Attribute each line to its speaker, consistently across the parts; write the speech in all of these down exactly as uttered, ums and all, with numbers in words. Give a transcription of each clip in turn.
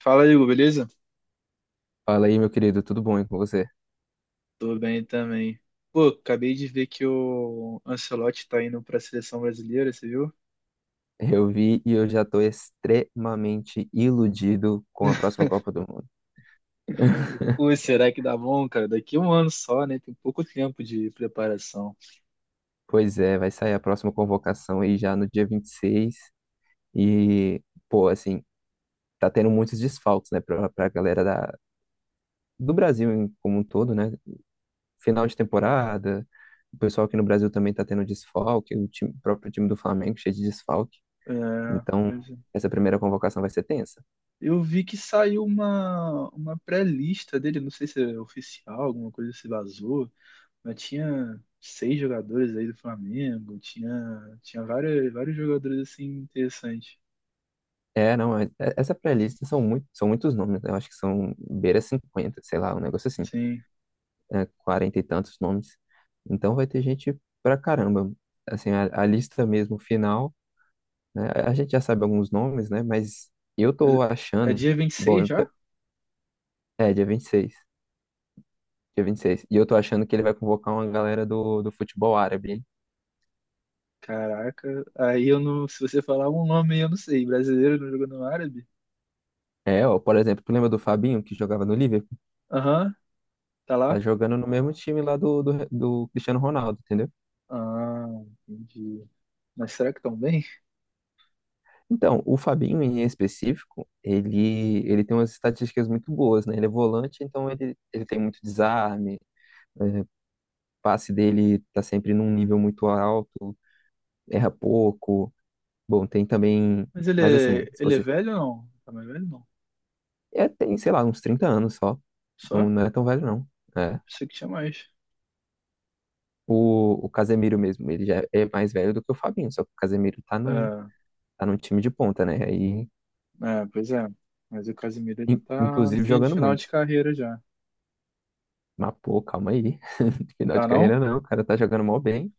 Speaker 1: Fala, Igor, beleza?
Speaker 2: Fala aí, meu querido, tudo bom aí com você?
Speaker 1: Tô bem também. Pô, acabei de ver que o Ancelotti tá indo pra seleção brasileira, você viu?
Speaker 2: Eu vi e eu já tô extremamente iludido com a próxima Copa do Mundo.
Speaker 1: Ui, será que dá bom, cara? Daqui a um ano só, né? Tem pouco tempo de preparação.
Speaker 2: Pois é, vai sair a próxima convocação aí já no dia vinte e seis e, seis e, pô, assim, tá tendo muitos desfalques, né, pra, pra galera da, do Brasil em- como um todo, né? Final de temporada, o pessoal aqui no Brasil também tá tendo desfalque, o time- o próprio time do Flamengo cheio de desfalque.
Speaker 1: É,
Speaker 2: Então,
Speaker 1: pois é.
Speaker 2: essa primeira convocação vai ser tensa.
Speaker 1: Eu vi que saiu uma, uma pré-lista dele, não sei se é oficial, alguma coisa se vazou, mas tinha seis jogadores aí do Flamengo, tinha, tinha vários, vários jogadores assim interessantes.
Speaker 2: É, não, é- é- Essa pré-lista são, muito, são muitos nomes, né? Eu acho que são beira cinquenta, sei lá, um negócio assim,
Speaker 1: Sim.
Speaker 2: né? quarenta e tantos nomes. Então vai ter gente pra caramba. Assim, a, a lista mesmo final, né? A gente já sabe alguns nomes, né? Mas eu
Speaker 1: Mas
Speaker 2: tô
Speaker 1: é
Speaker 2: achando,
Speaker 1: dia vinte e
Speaker 2: bom,
Speaker 1: seis
Speaker 2: eu
Speaker 1: já?
Speaker 2: tô- é dia vinte e seis. Dia vinte e seis e eu tô achando que ele vai convocar uma galera do, do futebol árabe, hein?
Speaker 1: Caraca, aí eu não. Se você falar um nome, eu não sei. Brasileiro não jogando árabe?
Speaker 2: É, ó, por exemplo, tu lembra do Fabinho, que jogava no Liverpool?
Speaker 1: Aham, tá lá?
Speaker 2: Tá jogando no mesmo time lá do, do, do Cristiano Ronaldo, entendeu?
Speaker 1: Ah, entendi. Mas será que estão bem?
Speaker 2: Então, o Fabinho, em específico, ele, ele tem umas estatísticas muito boas, né? Ele é volante, então ele, ele tem muito desarme, é, o passe dele tá sempre num nível muito alto, erra pouco. Bom, tem também...
Speaker 1: Mas ele
Speaker 2: Mas
Speaker 1: é,
Speaker 2: assim, se
Speaker 1: ele é
Speaker 2: você...
Speaker 1: velho ou não? Tá mais velho não?
Speaker 2: É, tem, sei lá, uns trinta anos só.
Speaker 1: Só?
Speaker 2: Não, não é tão velho, não. É.
Speaker 1: Pensei que tinha mais.
Speaker 2: O, o Casemiro mesmo, ele já é mais velho do que o Fabinho, só que o Casemiro tá no,
Speaker 1: Ah,
Speaker 2: tá no time de ponta, né? Aí,
Speaker 1: é, pois é. Mas o Casemiro ele
Speaker 2: in-
Speaker 1: tá no
Speaker 2: inclusive
Speaker 1: fim- no
Speaker 2: jogando
Speaker 1: final
Speaker 2: muito.
Speaker 1: de carreira já.
Speaker 2: Mas, pô, calma aí. Final
Speaker 1: Tá
Speaker 2: de
Speaker 1: não?
Speaker 2: carreira não, o cara tá jogando mal bem.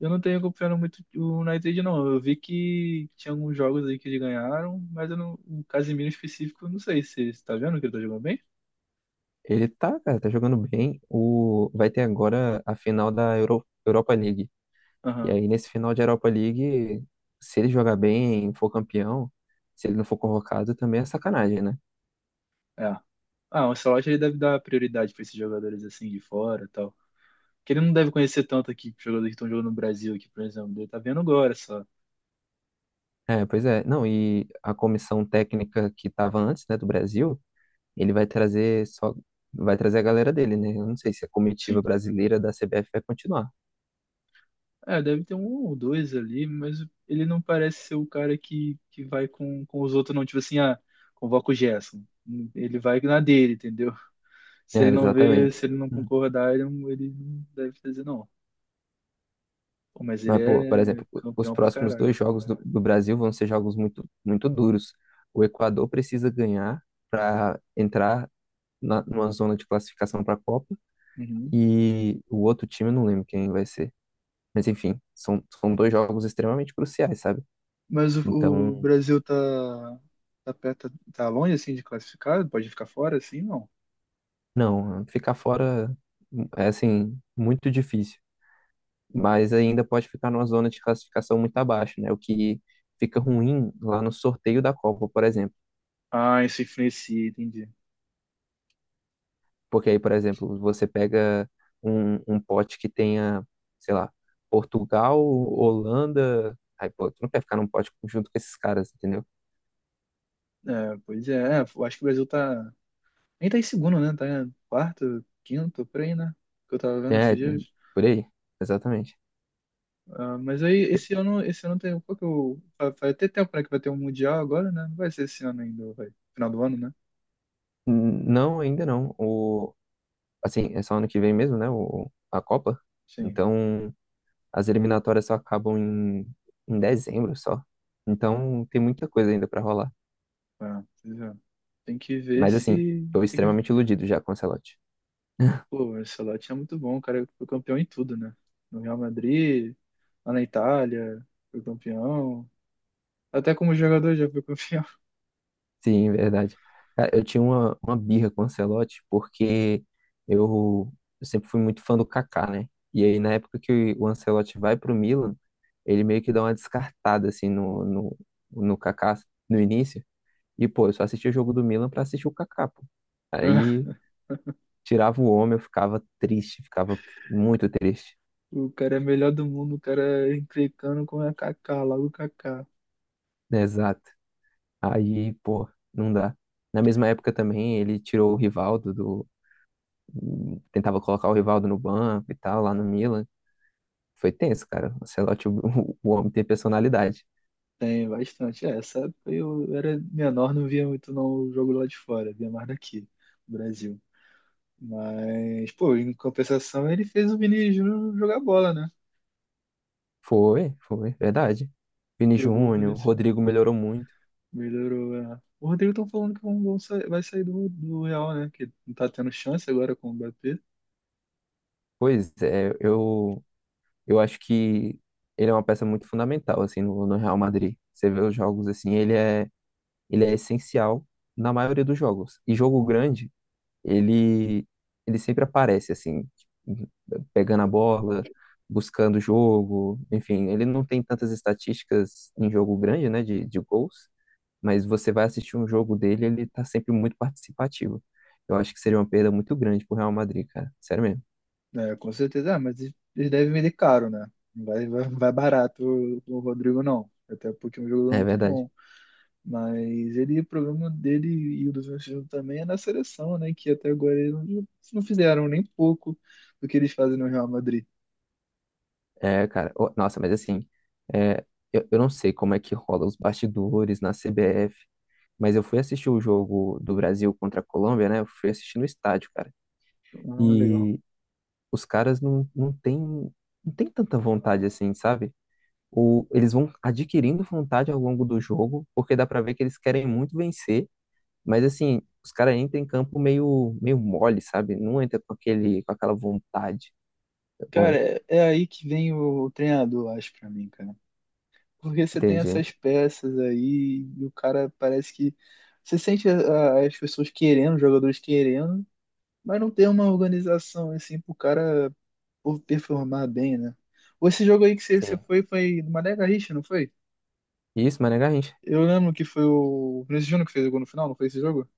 Speaker 1: Eu não tenho acompanhado muito o United não. Eu vi que tinha alguns jogos aí que eles ganharam, mas eu não, o Casemiro em específico, eu não sei se você tá vendo que ele tá jogando bem?
Speaker 2: Ele tá, cara, tá jogando bem. O, vai ter agora a final da Euro, Europa League. E
Speaker 1: Aham.
Speaker 2: aí, nesse final de Europa League, se ele jogar bem, for campeão, se ele não for convocado, também é sacanagem, né?
Speaker 1: É. Ah, o Ancelotti ele deve dar prioridade para esses jogadores assim de fora e tal. Porque ele não deve conhecer tanto aqui, jogadores que estão jogando no Brasil aqui, por exemplo. Ele tá vendo agora só.
Speaker 2: É, pois é. Não, e a comissão técnica que estava antes, né, do Brasil. Ele vai trazer só vai trazer a galera dele, né? Eu não sei se a
Speaker 1: Sim.
Speaker 2: comitiva brasileira da C B F vai continuar.
Speaker 1: É, deve ter um ou dois ali, mas ele não parece ser o cara que, que vai com, com os outros, não. Tipo assim, ah, convoca o Gerson. Ele vai na dele, entendeu? Se
Speaker 2: É,
Speaker 1: ele não vê,
Speaker 2: exatamente.
Speaker 1: se ele não
Speaker 2: Hum.
Speaker 1: concordar, ele não, ele não deve fazer, não. Pô, mas
Speaker 2: Mas,
Speaker 1: ele
Speaker 2: pô, por
Speaker 1: é
Speaker 2: exemplo, o- os
Speaker 1: campeão pra
Speaker 2: próximos
Speaker 1: caraca.
Speaker 2: dois jogos do, do Brasil vão ser jogos muito, muito duros. O Equador precisa ganhar para entrar na, numa zona de classificação para a Copa
Speaker 1: Uhum.
Speaker 2: e o outro time, eu não lembro quem vai ser. Mas, enfim, são, são dois jogos extremamente cruciais, sabe?
Speaker 1: Mas o, o
Speaker 2: Então,
Speaker 1: Brasil tá, tá perto, tá longe assim de classificar? Pode ficar fora assim, não?
Speaker 2: não, ficar fora é, assim, muito difícil. Mas ainda pode ficar numa zona de classificação muito abaixo, né? O que fica ruim lá no sorteio da Copa, por exemplo.
Speaker 1: Ah, isso influencia, entendi.
Speaker 2: Porque aí, por exemplo, você pega um, um pote que tenha, sei lá, Portugal, Holanda. Aí, pô, tu não quer ficar num pote junto com esses caras, entendeu?
Speaker 1: É, pois é, é, eu acho que o Brasil tá. Nem tá em segundo, né? Tá em quarto, quinto, por aí, né? Que eu tava vendo esses
Speaker 2: É,
Speaker 1: dias.
Speaker 2: por aí, exatamente.
Speaker 1: Ah, mas aí esse ano, esse ano tem. Qual que eu, vai vai ter tempo, né? Que vai ter um Mundial agora, né? Não vai ser esse ano ainda, vai. Final do ano, né?
Speaker 2: N- Não, ainda não. O, assim, é só ano que vem mesmo, né? O, a Copa.
Speaker 1: Sim.
Speaker 2: Então, as eliminatórias só acabam em, em dezembro só. Então tem muita coisa ainda pra rolar.
Speaker 1: Ah, pois é. Tem que ver
Speaker 2: Mas assim,
Speaker 1: se.
Speaker 2: tô
Speaker 1: Tem que
Speaker 2: extremamente iludido já com o Ancelotti.
Speaker 1: pô, o Ancelotti é muito bom, o cara foi campeão em tudo, né? No Real Madrid, lá na Itália, foi campeão. Até como jogador já foi campeão.
Speaker 2: Sim, verdade. Cara, eu tinha uma, uma birra com o Ancelotti porque eu, eu sempre fui muito fã do Kaká, né? E aí na época que o Ancelotti vai pro Milan, ele meio que dá uma descartada assim no, no, no Kaká no início. E pô, eu só assistia o jogo do Milan pra assistir o Kaká, pô. Aí tirava o homem, eu ficava triste, ficava muito triste.
Speaker 1: O cara é melhor do mundo, o cara é encrencando com a Kaká, logo Kaká.
Speaker 2: Exato. Aí, pô, não dá. Na mesma época também, ele tirou o Rivaldo do. Tentava colocar o Rivaldo no banco e tal, lá no Milan. Foi tenso, cara. O Ancelotti, o, o homem tem personalidade.
Speaker 1: Tem bastante. É, essa época eu era menor, não via muito não o jogo lá de fora, via mais daqui, no Brasil. Mas, pô, em compensação ele fez o Vini Júnior jogar bola, né?
Speaker 2: Foi, foi, verdade. Vini
Speaker 1: Pegou o Vini,
Speaker 2: Júnior, Rodrigo melhorou muito.
Speaker 1: melhorou, é. O Rodrigo estão falando que vão, vão sair- vai sair do, do Real, né? Que não tá tendo chance agora com o Mbappé.
Speaker 2: Pois é, eu, eu acho que ele é uma peça muito fundamental, assim, no, no Real Madrid. Você vê os jogos, assim, ele é, ele é essencial na maioria dos jogos. E jogo grande. ele Ele sempre aparece assim, tipo, pegando a bola, buscando o jogo, enfim, ele não tem tantas estatísticas em jogo grande, né, de, de gols, mas você vai assistir um jogo dele, ele tá sempre muito participativo. Eu acho que seria uma perda muito grande pro Real Madrid, cara, sério mesmo.
Speaker 1: É, com certeza. Ah, mas eles eles devem vender caro, né? Não, Vai, vai, vai barato o o Rodrigo, não. Até porque é um jogador
Speaker 2: É
Speaker 1: muito
Speaker 2: verdade.
Speaker 1: bom. Mas ele, o problema dele e o do Vinícius também é na seleção, né? Que até agora eles não, não fizeram nem pouco do que eles fazem no Real Madrid.
Speaker 2: É, cara, ô, nossa, mas assim, é, eu, eu não sei como é que rola os bastidores na C B F, mas eu fui assistir o jogo do Brasil contra a Colômbia, né? Eu fui assistir no estádio, cara.
Speaker 1: Ah, legal.
Speaker 2: E os caras não, não têm não tem tanta vontade assim, sabe? O, eles vão adquirindo vontade ao longo do jogo, porque dá pra ver que eles querem muito vencer, mas assim, os caras entram em campo meio, meio mole, sabe? Não entra com aquele, com aquela vontade. Tá
Speaker 1: Cara,
Speaker 2: bom,
Speaker 1: é, é aí que vem o, o treinador, acho, pra mim, cara. Porque você tem
Speaker 2: entendi.
Speaker 1: essas peças aí, e o cara parece que. Você sente a- as pessoas querendo, os jogadores querendo, mas não tem uma organização assim pro cara por performar bem, né? Ou esse jogo aí que você, você
Speaker 2: Sim.
Speaker 1: foi, foi do Mané Garrincha, não foi?
Speaker 2: Isso, mas a gente.
Speaker 1: Eu lembro que foi o Vinícius Júnior que fez o gol no final, não foi esse jogo?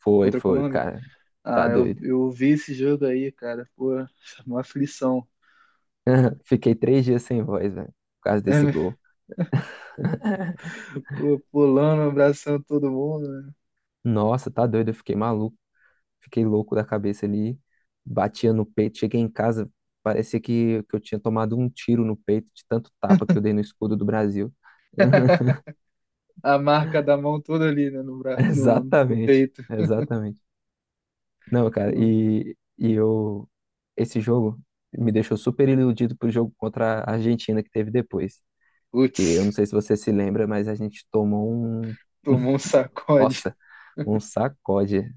Speaker 2: Foi,
Speaker 1: Contra a
Speaker 2: foi,
Speaker 1: Colômbia?
Speaker 2: cara. Tá
Speaker 1: Ah, eu,
Speaker 2: doido.
Speaker 1: eu vi esse jogo aí, cara. Pô, uma aflição.
Speaker 2: Fiquei três dias sem voz, velho, por causa desse gol.
Speaker 1: Pô, pulando, abraçando todo mundo, né?
Speaker 2: Nossa, tá doido, eu fiquei maluco. Fiquei louco da cabeça ali, batia no peito. Cheguei em casa, parecia que, que eu tinha tomado um tiro no peito de tanto tapa que eu dei no escudo do Brasil.
Speaker 1: A marca da mão toda ali, né, no, bra... no, no
Speaker 2: Exatamente,
Speaker 1: peito.
Speaker 2: exatamente. Não, cara,
Speaker 1: O-
Speaker 2: e, e eu. Esse jogo me deixou super iludido pro jogo contra a Argentina que teve depois. Que eu não
Speaker 1: Putz,
Speaker 2: sei se você se lembra, mas a gente tomou um.
Speaker 1: tomou um sacode.
Speaker 2: Nossa, um sacode.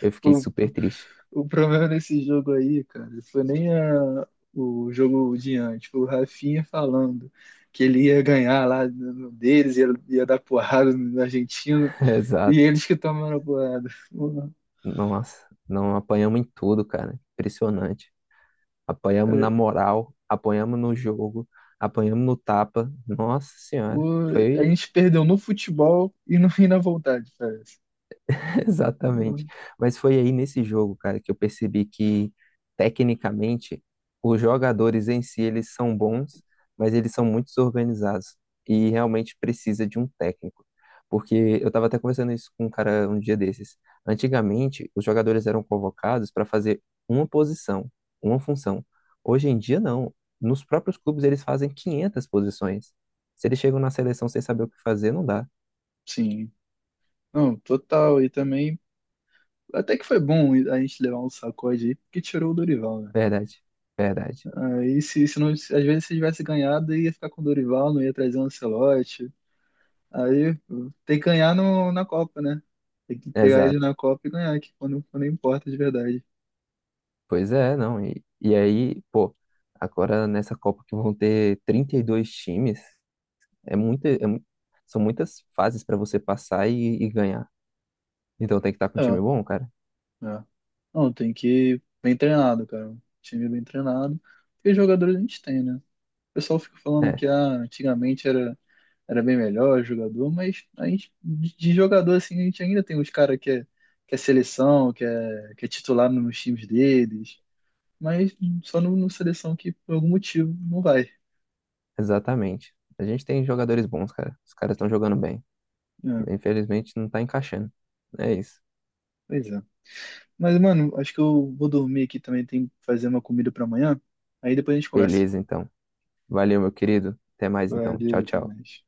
Speaker 2: Eu fiquei
Speaker 1: O,
Speaker 2: super triste.
Speaker 1: o problema desse jogo aí, cara, foi nem a- o jogo de antes, foi o Rafinha falando que ele ia ganhar lá no no deles, ia, ia dar porrada na Argentina, e
Speaker 2: Exato.
Speaker 1: eles que tomaram a porrada. Porra,
Speaker 2: Nossa, não apanhamos em tudo, cara. Impressionante. Apanhamos na
Speaker 1: é,
Speaker 2: moral, apanhamos no jogo, apanhamos no tapa. Nossa Senhora,
Speaker 1: o- a
Speaker 2: foi
Speaker 1: gente perdeu no futebol e, no, e na vontade, parece. Porra,
Speaker 2: exatamente. Mas foi aí nesse jogo, cara, que eu percebi que, tecnicamente, os jogadores em si, eles são bons, mas eles são muito desorganizados e realmente precisa de um técnico. Porque eu estava até conversando isso com um cara um dia desses. Antigamente, os jogadores eram convocados para fazer uma posição, uma função. Hoje em dia, não. Nos próprios clubes, eles fazem quinhentas posições. Se eles chegam na seleção sem saber o que fazer, não dá.
Speaker 1: sim, não, total. E também, até que foi bom a gente levar um sacode aí, porque tirou o Dorival, né?
Speaker 2: Verdade, verdade.
Speaker 1: Aí, se, se não, às vezes se tivesse ganhado, ia ficar com o Dorival, não ia trazer o Ancelotti. Aí tem que ganhar no, na Copa, né? Tem que pegar ele
Speaker 2: Exato.
Speaker 1: na Copa e ganhar, que quando, quando importa de verdade.
Speaker 2: Pois é, não. E, e aí, pô, agora nessa Copa que vão ter trinta e dois times, é muita, é mu- são muitas fases para você passar e, e ganhar. Então tem que estar com um
Speaker 1: É,
Speaker 2: time bom, cara.
Speaker 1: é. Não, tem que ir bem treinado, cara. Um time bem treinado. Porque jogadores a gente tem, né? O pessoal fica falando
Speaker 2: É,
Speaker 1: que ah, antigamente era, era bem melhor jogador, mas a gente, de de jogador, assim, a gente ainda tem uns caras que é, que é seleção, que é, que é titular nos times deles. Mas só no, no seleção que por algum motivo não vai.
Speaker 2: exatamente. A gente tem jogadores bons, cara. Os caras estão jogando bem.
Speaker 1: É,
Speaker 2: Infelizmente não tá encaixando. É isso.
Speaker 1: pois é. Mas, mano, acho que eu vou dormir aqui também. Tem que fazer uma comida pra amanhã. Aí depois a gente conversa.
Speaker 2: Beleza, então. Valeu, meu querido. Até mais, então.
Speaker 1: Valeu,
Speaker 2: Tchau,
Speaker 1: até
Speaker 2: tchau.
Speaker 1: mais.